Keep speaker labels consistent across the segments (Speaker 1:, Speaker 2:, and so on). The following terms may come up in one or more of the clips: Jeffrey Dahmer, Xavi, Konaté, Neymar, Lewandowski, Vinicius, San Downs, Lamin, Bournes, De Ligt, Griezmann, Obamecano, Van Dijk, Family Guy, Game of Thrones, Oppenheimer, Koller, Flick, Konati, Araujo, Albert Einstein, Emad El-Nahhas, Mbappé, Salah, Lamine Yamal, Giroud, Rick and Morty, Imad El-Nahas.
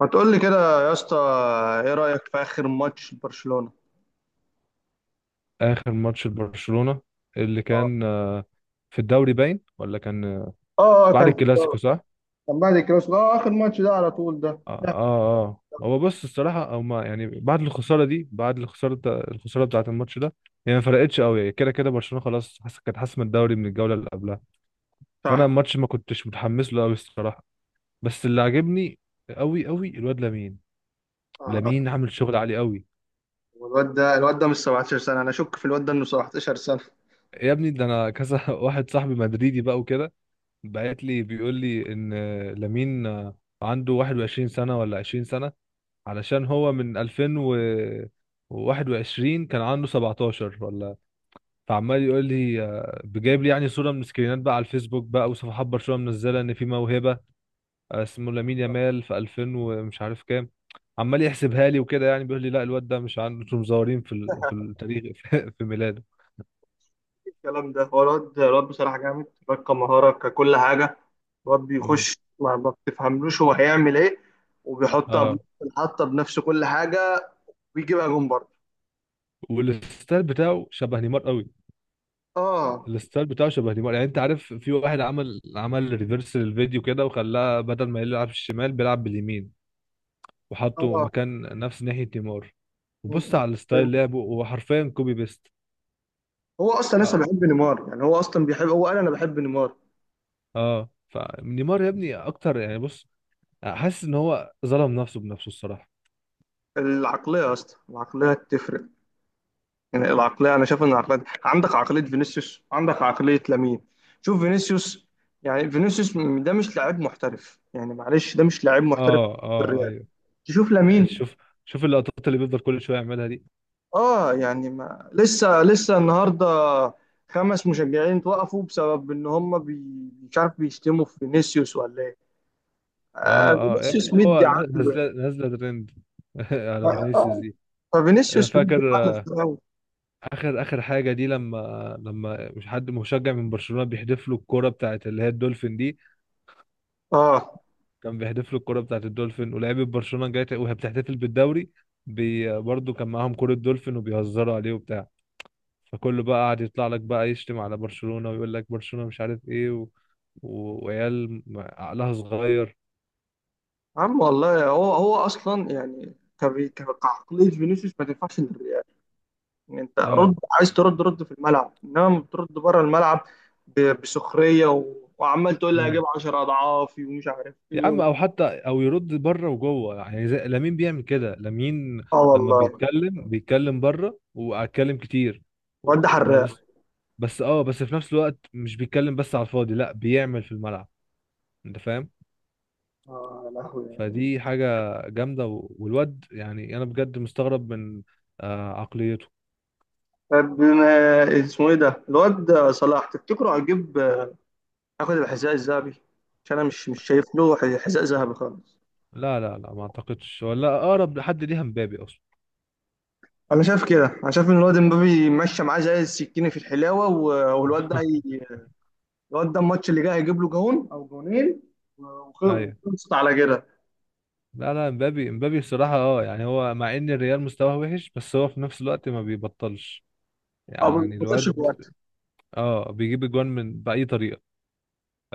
Speaker 1: ما تقول لي كده يا اسطى. ايه رأيك في اخر ماتش برشلونة؟
Speaker 2: اخر ماتش لبرشلونة اللي
Speaker 1: اه.
Speaker 2: كان في الدوري باين، ولا كان
Speaker 1: آه،
Speaker 2: بعد
Speaker 1: كان في
Speaker 2: الكلاسيكو؟
Speaker 1: الدوري.
Speaker 2: صح.
Speaker 1: كان بعد الكلاسيكو، اه اخر ماتش ده على طول ده
Speaker 2: اه،
Speaker 1: لا.
Speaker 2: اه، آه. هو بص، الصراحة هما يعني بعد الخسارة دي، الخسارة بتاعة الماتش ده هي ما فرقتش قوي. يعني كده كده برشلونة خلاص، كانت حاسمة الدوري من الجولة اللي قبلها. فانا
Speaker 1: صح.
Speaker 2: الماتش ما كنتش متحمس له قوي الصراحة. بس اللي عجبني قوي قوي الواد لامين.
Speaker 1: آه.
Speaker 2: لامين عامل شغل عالي قوي.
Speaker 1: الواد ده مش 17 سنة، انا اشك في الواد ده انه 17 سنة.
Speaker 2: يا ابني ده انا كذا واحد صاحبي مدريدي بقى وكده بعت لي بيقول لي ان لامين عنده 21 سنة ولا 20 سنة، علشان هو من 2021 كان عنده 17 ولا. فعمال يقول لي بجايب لي يعني صورة من سكرينات بقى على الفيسبوك بقى، وصفحات برشلونة منزلة ان في موهبة اسمه لامين يامال في 2000 ومش عارف كام. عمال يحسبها لي وكده، يعني بيقول لي لا الواد ده مش عنده، انتوا مزورين في التاريخ في ميلاده.
Speaker 1: الكلام ده، هو الواد بصراحة جامد، الواد كمهارة ككل حاجة. الواد
Speaker 2: مم.
Speaker 1: بيخش ما بتفهملوش هو هيعمل ايه، وبيحطها
Speaker 2: اه.
Speaker 1: بنفس الحطة بنفس كل حاجة، ويجيبها جون برضه.
Speaker 2: والستايل بتاعه شبه نيمار قوي.
Speaker 1: اه
Speaker 2: الستايل بتاعه شبه نيمار، يعني انت عارف في واحد عمل ريفرس للفيديو كده، وخلاه بدل ما يلعب الشمال بيلعب باليمين، وحطه
Speaker 1: اه.
Speaker 2: مكان نفس ناحية نيمار.
Speaker 1: م-
Speaker 2: وبص على
Speaker 1: م-
Speaker 2: الستايل لعبه، هو حرفيا كوبي بيست.
Speaker 1: هو اصلا لسه
Speaker 2: اه،
Speaker 1: بيحب نيمار. يعني هو اصلا بيحب، هو قال انا بحب نيمار.
Speaker 2: اه. فنيمار يا ابني اكتر، يعني بص، حاسس ان هو ظلم نفسه بنفسه الصراحة.
Speaker 1: العقلية يا اسطى العقلية تفرق. يعني العقلية، أنا شايف إن العقلية، عندك عقلية فينيسيوس عندك عقلية لامين. شوف فينيسيوس، يعني فينيسيوس ده مش لاعب محترف، يعني معلش ده مش لاعب محترف
Speaker 2: اه،
Speaker 1: في
Speaker 2: اه،
Speaker 1: الريال.
Speaker 2: ايوه.
Speaker 1: تشوف
Speaker 2: يعني
Speaker 1: لامين.
Speaker 2: شوف، شوف اللقطات اللي بيفضل كل شوية يعملها دي.
Speaker 1: آه يعني ما لسه النهاردة خمس مشجعين توقفوا بسبب إن هم مش عارف بيشتموا في فينيسيوس ولا إيه. آه
Speaker 2: اه، اه، يا ابني
Speaker 1: فينيسيوس
Speaker 2: ما
Speaker 1: مدي
Speaker 2: هو
Speaker 1: عقله يعني.
Speaker 2: نازله نازله ترند على
Speaker 1: آه.
Speaker 2: فينيسيوس
Speaker 1: آه،
Speaker 2: دي.
Speaker 1: ففينيسيوس
Speaker 2: فاكر
Speaker 1: مدي عقله في الأول.
Speaker 2: اخر اخر حاجه دي لما مش حد مشجع من برشلونه بيحدف له الكوره بتاعت اللي هي الدولفين دي؟
Speaker 1: آه
Speaker 2: كان بيحدف له الكوره بتاعت الدولفين، ولعيبه برشلونه جايه وهي بتحتفل بالدوري. برضه كان معاهم كوره دولفين وبيهزروا عليه وبتاع. فكله بقى قاعد يطلع لك بقى يشتم على برشلونه ويقول لك برشلونه مش عارف ايه وعيال عقلها صغير.
Speaker 1: عم والله هو اصلا يعني كعقليه فينيسيوس ما تنفعش للريال. يعني انت رد،
Speaker 2: اه.
Speaker 1: عايز ترد رد في الملعب، انما بترد بره الملعب بسخريه وعمال تقول لي
Speaker 2: إمم.
Speaker 1: هجيب 10 اضعافي ومش عارف
Speaker 2: يا
Speaker 1: ايه
Speaker 2: عم او حتى او يرد بره وجوه يعني زي لامين بيعمل كده. لامين
Speaker 1: اه
Speaker 2: لما
Speaker 1: والله.
Speaker 2: بيتكلم بيتكلم بره واتكلم كتير،
Speaker 1: واد حراق.
Speaker 2: بس. بس في نفس الوقت مش بيتكلم بس على الفاضي، لا بيعمل في الملعب. انت فاهم؟
Speaker 1: اه يا لهوي.
Speaker 2: فدي حاجة جامدة، والواد، يعني انا بجد مستغرب من عقليته.
Speaker 1: طب بما اسمه ايه ده الواد صلاح؟ تفتكره هيجيب، ياخد الحذاء الذهبي؟ عشان انا مش شايف له حذاء ذهبي خالص.
Speaker 2: لا لا لا، ما اعتقدش، ولا اقرب لحد ليها مبابي اصلا.
Speaker 1: انا شايف كده، انا شايف ان الواد امبابي ماشي معاه زي السكينه في الحلاوه، والواد ده هي، الواد ده الماتش اللي جاي هيجيب له جون او جونين،
Speaker 2: ايوه.
Speaker 1: وخلصت على كده.
Speaker 2: لا لا، مبابي. مبابي الصراحة اه، يعني هو مع ان الريال مستواه وحش، بس هو في نفس الوقت ما بيبطلش
Speaker 1: او ما
Speaker 2: يعني
Speaker 1: خسرش
Speaker 2: الواد.
Speaker 1: جوان.
Speaker 2: اه، بيجيب اجوان من بأي طريقة.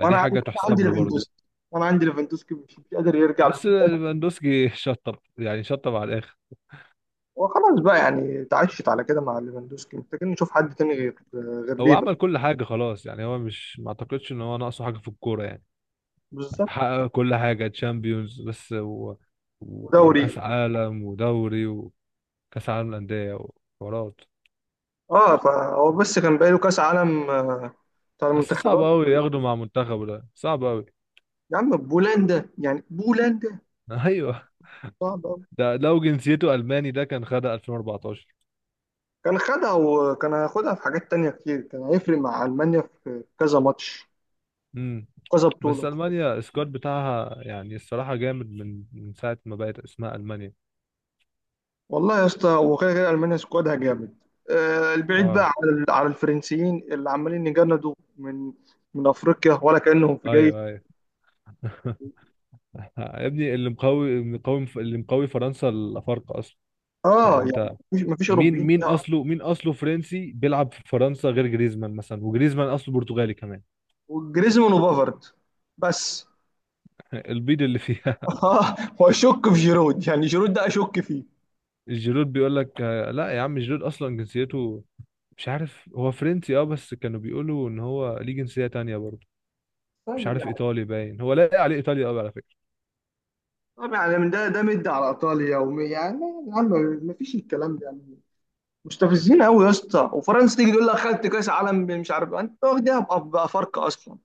Speaker 1: وانا عندي،
Speaker 2: حاجة
Speaker 1: أنا عندي
Speaker 2: تحسب له برضه.
Speaker 1: ليفاندوسكي. وانا عندي ليفاندوسكي مش قادر يرجع
Speaker 2: بس
Speaker 1: للفريق.
Speaker 2: ليفاندوسكي شطب، يعني شطب على الآخر.
Speaker 1: وخلاص بقى، يعني اتعشت على كده مع ليفاندوسكي، محتاجين نشوف حد تاني غير
Speaker 2: هو
Speaker 1: ليفا.
Speaker 2: عمل كل حاجة خلاص، يعني هو مش، ما اعتقدش ان هو ناقصه حاجة في الكورة يعني.
Speaker 1: بالظبط.
Speaker 2: حقق كل حاجة، تشامبيونز بس
Speaker 1: ودوري.
Speaker 2: وكأس عالم، ودوري، وكأس عالم للأندية، وحوارات.
Speaker 1: اه فهو بس كان باقي له كاس عالم، آه، بتاع
Speaker 2: بس صعب
Speaker 1: المنتخبات.
Speaker 2: قوي ياخده مع منتخبه، ده صعب قوي.
Speaker 1: يا عم بولندا، يعني بولندا
Speaker 2: ايوه.
Speaker 1: صعب أوي.
Speaker 2: ده لو جنسيته ألماني ده كان خدها 2014.
Speaker 1: كان خدها وكان هياخدها في حاجات تانية كتير، كان هيفرق مع ألمانيا في كذا ماتش،
Speaker 2: امم.
Speaker 1: كذا
Speaker 2: بس
Speaker 1: بطولة.
Speaker 2: المانيا السكواد بتاعها، يعني الصراحه جامد من ساعه ما بقت اسمها المانيا.
Speaker 1: والله يا اسطى هو كده كده المانيا سكوادها جامد. آه، البعيد بقى
Speaker 2: اه،
Speaker 1: على على الفرنسيين اللي عمالين يجندوا من افريقيا، ولا كانهم في جيش.
Speaker 2: ايوه، ايوه. يا ابني اللي مقوي فرنسا الافارقه اصلا.
Speaker 1: اه
Speaker 2: يعني
Speaker 1: يعني
Speaker 2: انت
Speaker 1: مفيش
Speaker 2: مين
Speaker 1: اوروبيين فيها،
Speaker 2: اصله، مين اصله فرنسي بيلعب في فرنسا غير جريزمان مثلا؟ وجريزمان اصله برتغالي كمان.
Speaker 1: وجريزمان وبافارد بس.
Speaker 2: البيض اللي فيها
Speaker 1: اه واشك في جيرود، يعني جيرود ده اشك فيه.
Speaker 2: الجيرود بيقول لك لا يا عم، جيرود اصلا جنسيته مش عارف، هو فرنسي اه، بس كانوا بيقولوا ان هو ليه جنسيه تانية برضه. مش
Speaker 1: طيب
Speaker 2: عارف،
Speaker 1: يعني،
Speaker 2: ايطالي باين، هو لاقي عليه ايطاليا قوي على فكره.
Speaker 1: طب يعني من ده ده مد على ايطاليا يعني يا عم، مفيش الكلام ده يعني. مستفزين قوي يا اسطى، وفرنسا تيجي تقول لك خدت كاس عالم، مش عارف انت واخدها بافارقه اصلا.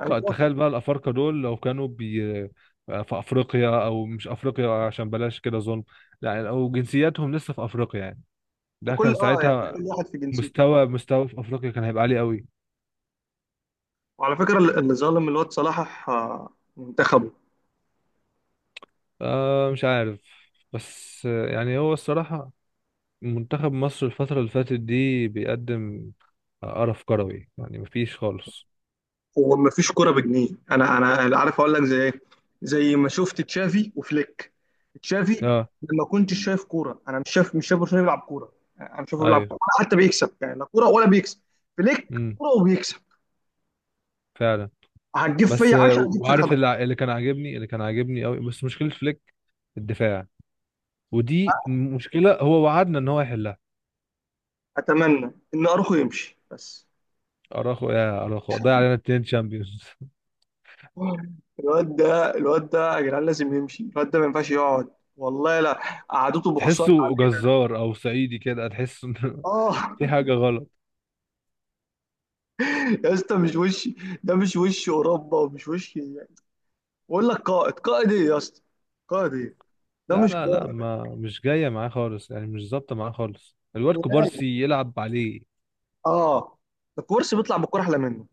Speaker 1: يعني،
Speaker 2: تخيل بقى الأفارقة دول لو كانوا في أفريقيا، أو مش أفريقيا عشان بلاش كده ظلم، لا، أو جنسياتهم لسه في أفريقيا، يعني ده
Speaker 1: وكل
Speaker 2: كان
Speaker 1: اه يعني
Speaker 2: ساعتها
Speaker 1: كل واحد في جنسيته آه.
Speaker 2: مستوى في أفريقيا كان هيبقى عالي قوي.
Speaker 1: وعلى فكره اللي ظالم الواد صلاح، آه، منتخبه.
Speaker 2: آه، مش عارف. بس يعني هو الصراحة منتخب مصر الفترة اللي فاتت دي بيقدم قرف كروي، يعني مفيش خالص.
Speaker 1: هو ما فيش كوره بجنيه، انا عارف اقول لك زي ايه؟ زي ما شفت تشافي وفليك. تشافي
Speaker 2: اه،
Speaker 1: لما كنت شايف كوره، انا مش شايف، مش شايف برشلونه بيلعب كوره يعني، انا شايفه بيلعب
Speaker 2: ايوه.
Speaker 1: كوره ولا حتى بيكسب، يعني لا كوره ولا بيكسب. فليك
Speaker 2: امم
Speaker 1: كوره وبيكسب.
Speaker 2: فعلا.
Speaker 1: هتجيب
Speaker 2: بس
Speaker 1: فيا 10 هتجيب فيك
Speaker 2: وعارف
Speaker 1: 11.
Speaker 2: اللي كان عاجبني، اللي كان عاجبني قوي، بس مشكلة فليك الدفاع، ودي مشكله هو وعدنا ان هو يحلها.
Speaker 1: اتمنى ان اروخو يمشي بس.
Speaker 2: اراخو، يا اراخو، ضيع علينا 2 شامبيونز.
Speaker 1: الواد ده يا جدعان لازم يمشي، الواد ده ما ينفعش يقعد. والله لا، قعدته بخسارة
Speaker 2: تحسه
Speaker 1: علينا.
Speaker 2: جزار او صعيدي كده، تحس ان
Speaker 1: اه.
Speaker 2: في حاجه غلط.
Speaker 1: يا اسطى مش وش، ده مش وش اوروبا، ومش وش يعني. بقول لك قائد، قائد ايه يا اسطى؟ قائد ايه؟ ده
Speaker 2: لا
Speaker 1: مش
Speaker 2: لا لا،
Speaker 1: قائد.
Speaker 2: ما، مش جايه معاه خالص، يعني مش ظابطه معاه خالص. الواد كوبارسي يلعب عليه.
Speaker 1: اه. الكورس بيطلع بالكوره احلى منه.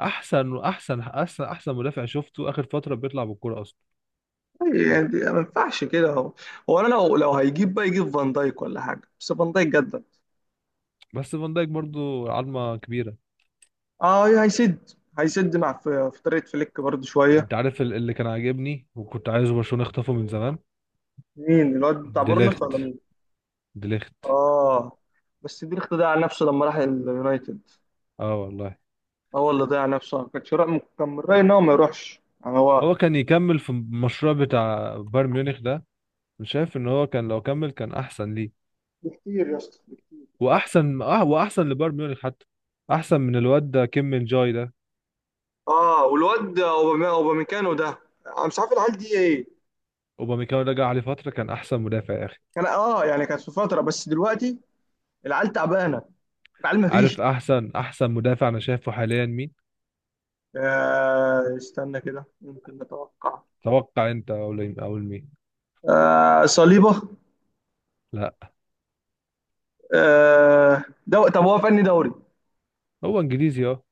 Speaker 2: احسن مدافع شفته اخر فتره بيطلع بالكوره اصلا.
Speaker 1: يعني ما ينفعش كده. هو انا لو هيجيب بقى يجيب فان دايك ولا حاجه، بس فان دايك جدد.
Speaker 2: بس فان دايك برضو عظمه كبيره.
Speaker 1: اه هيسد. هيسد مع، في في طريقه فليك برضه شويه.
Speaker 2: انت عارف اللي كان عاجبني وكنت عايزه برشلونه يخطفه من زمان؟
Speaker 1: مين؟ الواد بتاع بورنوس
Speaker 2: ديليخت.
Speaker 1: ولا؟
Speaker 2: ديليخت.
Speaker 1: اه بس بيرخ ضيع نفسه لما راح اليونايتد.
Speaker 2: اه والله،
Speaker 1: هو اللي ضيع نفسه، أنا كنت رأي، كان من رأيي ان هو ما يروحش، يعني هو.
Speaker 2: هو كان يكمل في المشروع بتاع بايرن ميونخ ده. أنا شايف ان هو كان لو كمل كان احسن ليه.
Speaker 1: بكتير يا اسطى بكتير. أحسن.
Speaker 2: واحسن، اه، واحسن لبايرن ميونخ حتى، احسن من الواد ده كيم من جاي ده.
Speaker 1: اه والواد اوباميكانو ده، انا مش عارف العيال دي ايه.
Speaker 2: اوباميكانو رجع عليه فتره كان احسن مدافع يا اخي.
Speaker 1: كان اه يعني كانت في فتره، بس دلوقتي العيال تعبانه، العيال ما
Speaker 2: عارف
Speaker 1: فيش.
Speaker 2: احسن مدافع انا شايفه حاليا مين؟
Speaker 1: آه استنى كده، ممكن نتوقع.
Speaker 2: توقع انت، او او مين.
Speaker 1: آه صليبه.
Speaker 2: لا.
Speaker 1: آه طب هو فني دوري؟
Speaker 2: هو انجليزي اه.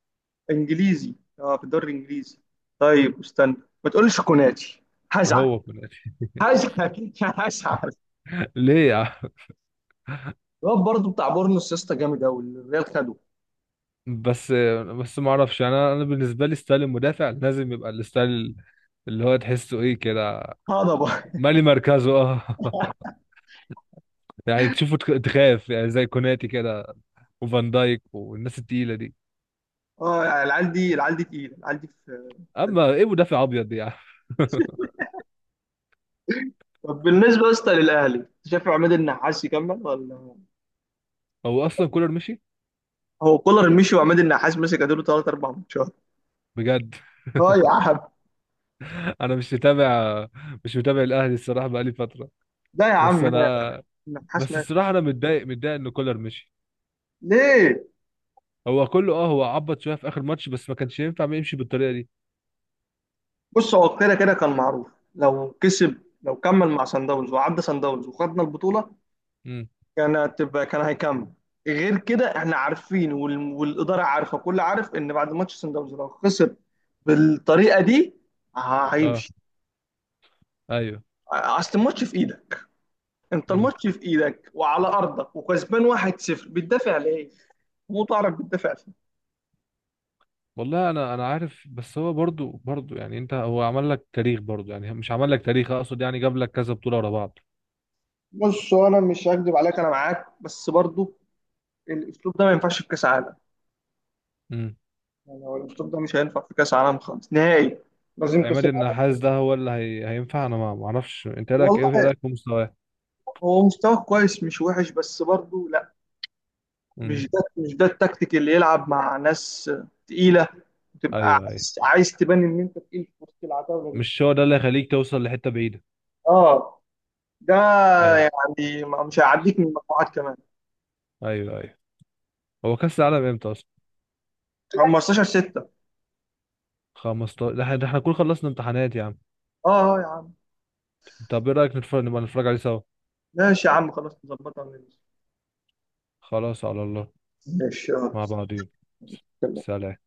Speaker 1: انجليزي؟ اه في الدوري الانجليزي. طيب استنى، ما تقولش كوناتي هزعل.
Speaker 2: هو في الآخر.
Speaker 1: هشحت. هشحت
Speaker 2: ليه يا عم؟
Speaker 1: الواد برضه بتاع بورنوس يا اسطى جامد قوي، الريال خده.
Speaker 2: بس بس، ما اعرفش انا انا بالنسبه لي ستايل المدافع لازم يبقى الستايل اللي هو تحسه ايه كده،
Speaker 1: هضبه.
Speaker 2: مالي مركزه اه، يعني تشوفه، تخاف يعني، زي كوناتي كده، وفان دايك والناس التقيلة دي.
Speaker 1: اه يعني العيال دي، تقيله، العيال دي في
Speaker 2: اما ايه مدافع ابيض دي يعني.
Speaker 1: في- طب بالنسبه يا اسطى للاهلي، شايف عماد النحاس يكمل ولا؟
Speaker 2: هو اصلا كولر مشي.
Speaker 1: هو كولر مشي وعماد النحاس مسك اديله ثلاث اربع ماتشات.
Speaker 2: بجد؟
Speaker 1: اه يا عم.
Speaker 2: انا مش متابع، مش متابع الاهلي الصراحه بقالي فتره.
Speaker 1: لا يا
Speaker 2: بس
Speaker 1: عم،
Speaker 2: انا،
Speaker 1: النحاس
Speaker 2: بس
Speaker 1: ماسك.
Speaker 2: الصراحه انا متضايق، متضايق ان كولر مشي.
Speaker 1: ليه؟
Speaker 2: هو كله اه، هو عبط شويه في اخر ماتش، بس ما كانش ينفع ما يمشي بالطريقه دي.
Speaker 1: بص هو كده كده كان معروف، لو كسب، لو كمل مع سان داونز وعدى سان داونز وخدنا البطوله،
Speaker 2: امم.
Speaker 1: كان هتبقى، كان هيكمل. غير كده احنا عارفين، والاداره عارفه، كل عارف ان بعد ماتش سان داونز لو خسر بالطريقه دي
Speaker 2: اه،
Speaker 1: هيمشي.
Speaker 2: ايوه.
Speaker 1: اصل الماتش في ايدك، انت
Speaker 2: امم
Speaker 1: الماتش في ايدك وعلى ارضك وكسبان 1-0، بتدافع ليه؟ مو تعرف بتدافع فيه.
Speaker 2: والله انا عارف، بس هو برضو، يعني انت، هو عمل لك تاريخ برضو، يعني مش عمل لك تاريخ، اقصد يعني جاب لك كذا بطوله ورا بعض.
Speaker 1: بص هو، انا مش هكدب عليك، انا معاك، بس برضو الاسلوب ده ما ينفعش في كاس عالم.
Speaker 2: مم.
Speaker 1: يعني هو الاسلوب ده مش هينفع في كاس عالم خالص نهائي. لازم كاس
Speaker 2: عماد
Speaker 1: العالم.
Speaker 2: النحاس ده هو هينفع؟ انا ما اعرفش، انت إيه رايك،
Speaker 1: والله
Speaker 2: إيه رايك في مستواه؟
Speaker 1: هو مستواه كويس مش وحش، بس برضو لا،
Speaker 2: امم
Speaker 1: مش ده التكتيك اللي يلعب مع ناس تقيله، وتبقى
Speaker 2: ايوه، ايوه.
Speaker 1: عايز تبان ان انت تقيل في وسط العتاوله دي.
Speaker 2: مش هو ده اللي هيخليك توصل لحته بعيده.
Speaker 1: اه. ده
Speaker 2: ايوه،
Speaker 1: يعني مش هيعديك من المجموعات كمان.
Speaker 2: ايوه، ايوه. هو كاس العالم امتى اصلا؟
Speaker 1: 15 6.
Speaker 2: 15. ده إحنا نكون خلصنا امتحانات يا عم.
Speaker 1: اه. آه يا عم.
Speaker 2: طب ايه رايك نتفرج، نبقى نتفرج عليه سوا.
Speaker 1: ماشي يا عم خلاص، نظبطها من.
Speaker 2: خلاص على الله.
Speaker 1: ماشي اه.
Speaker 2: مع بعضين. سلام.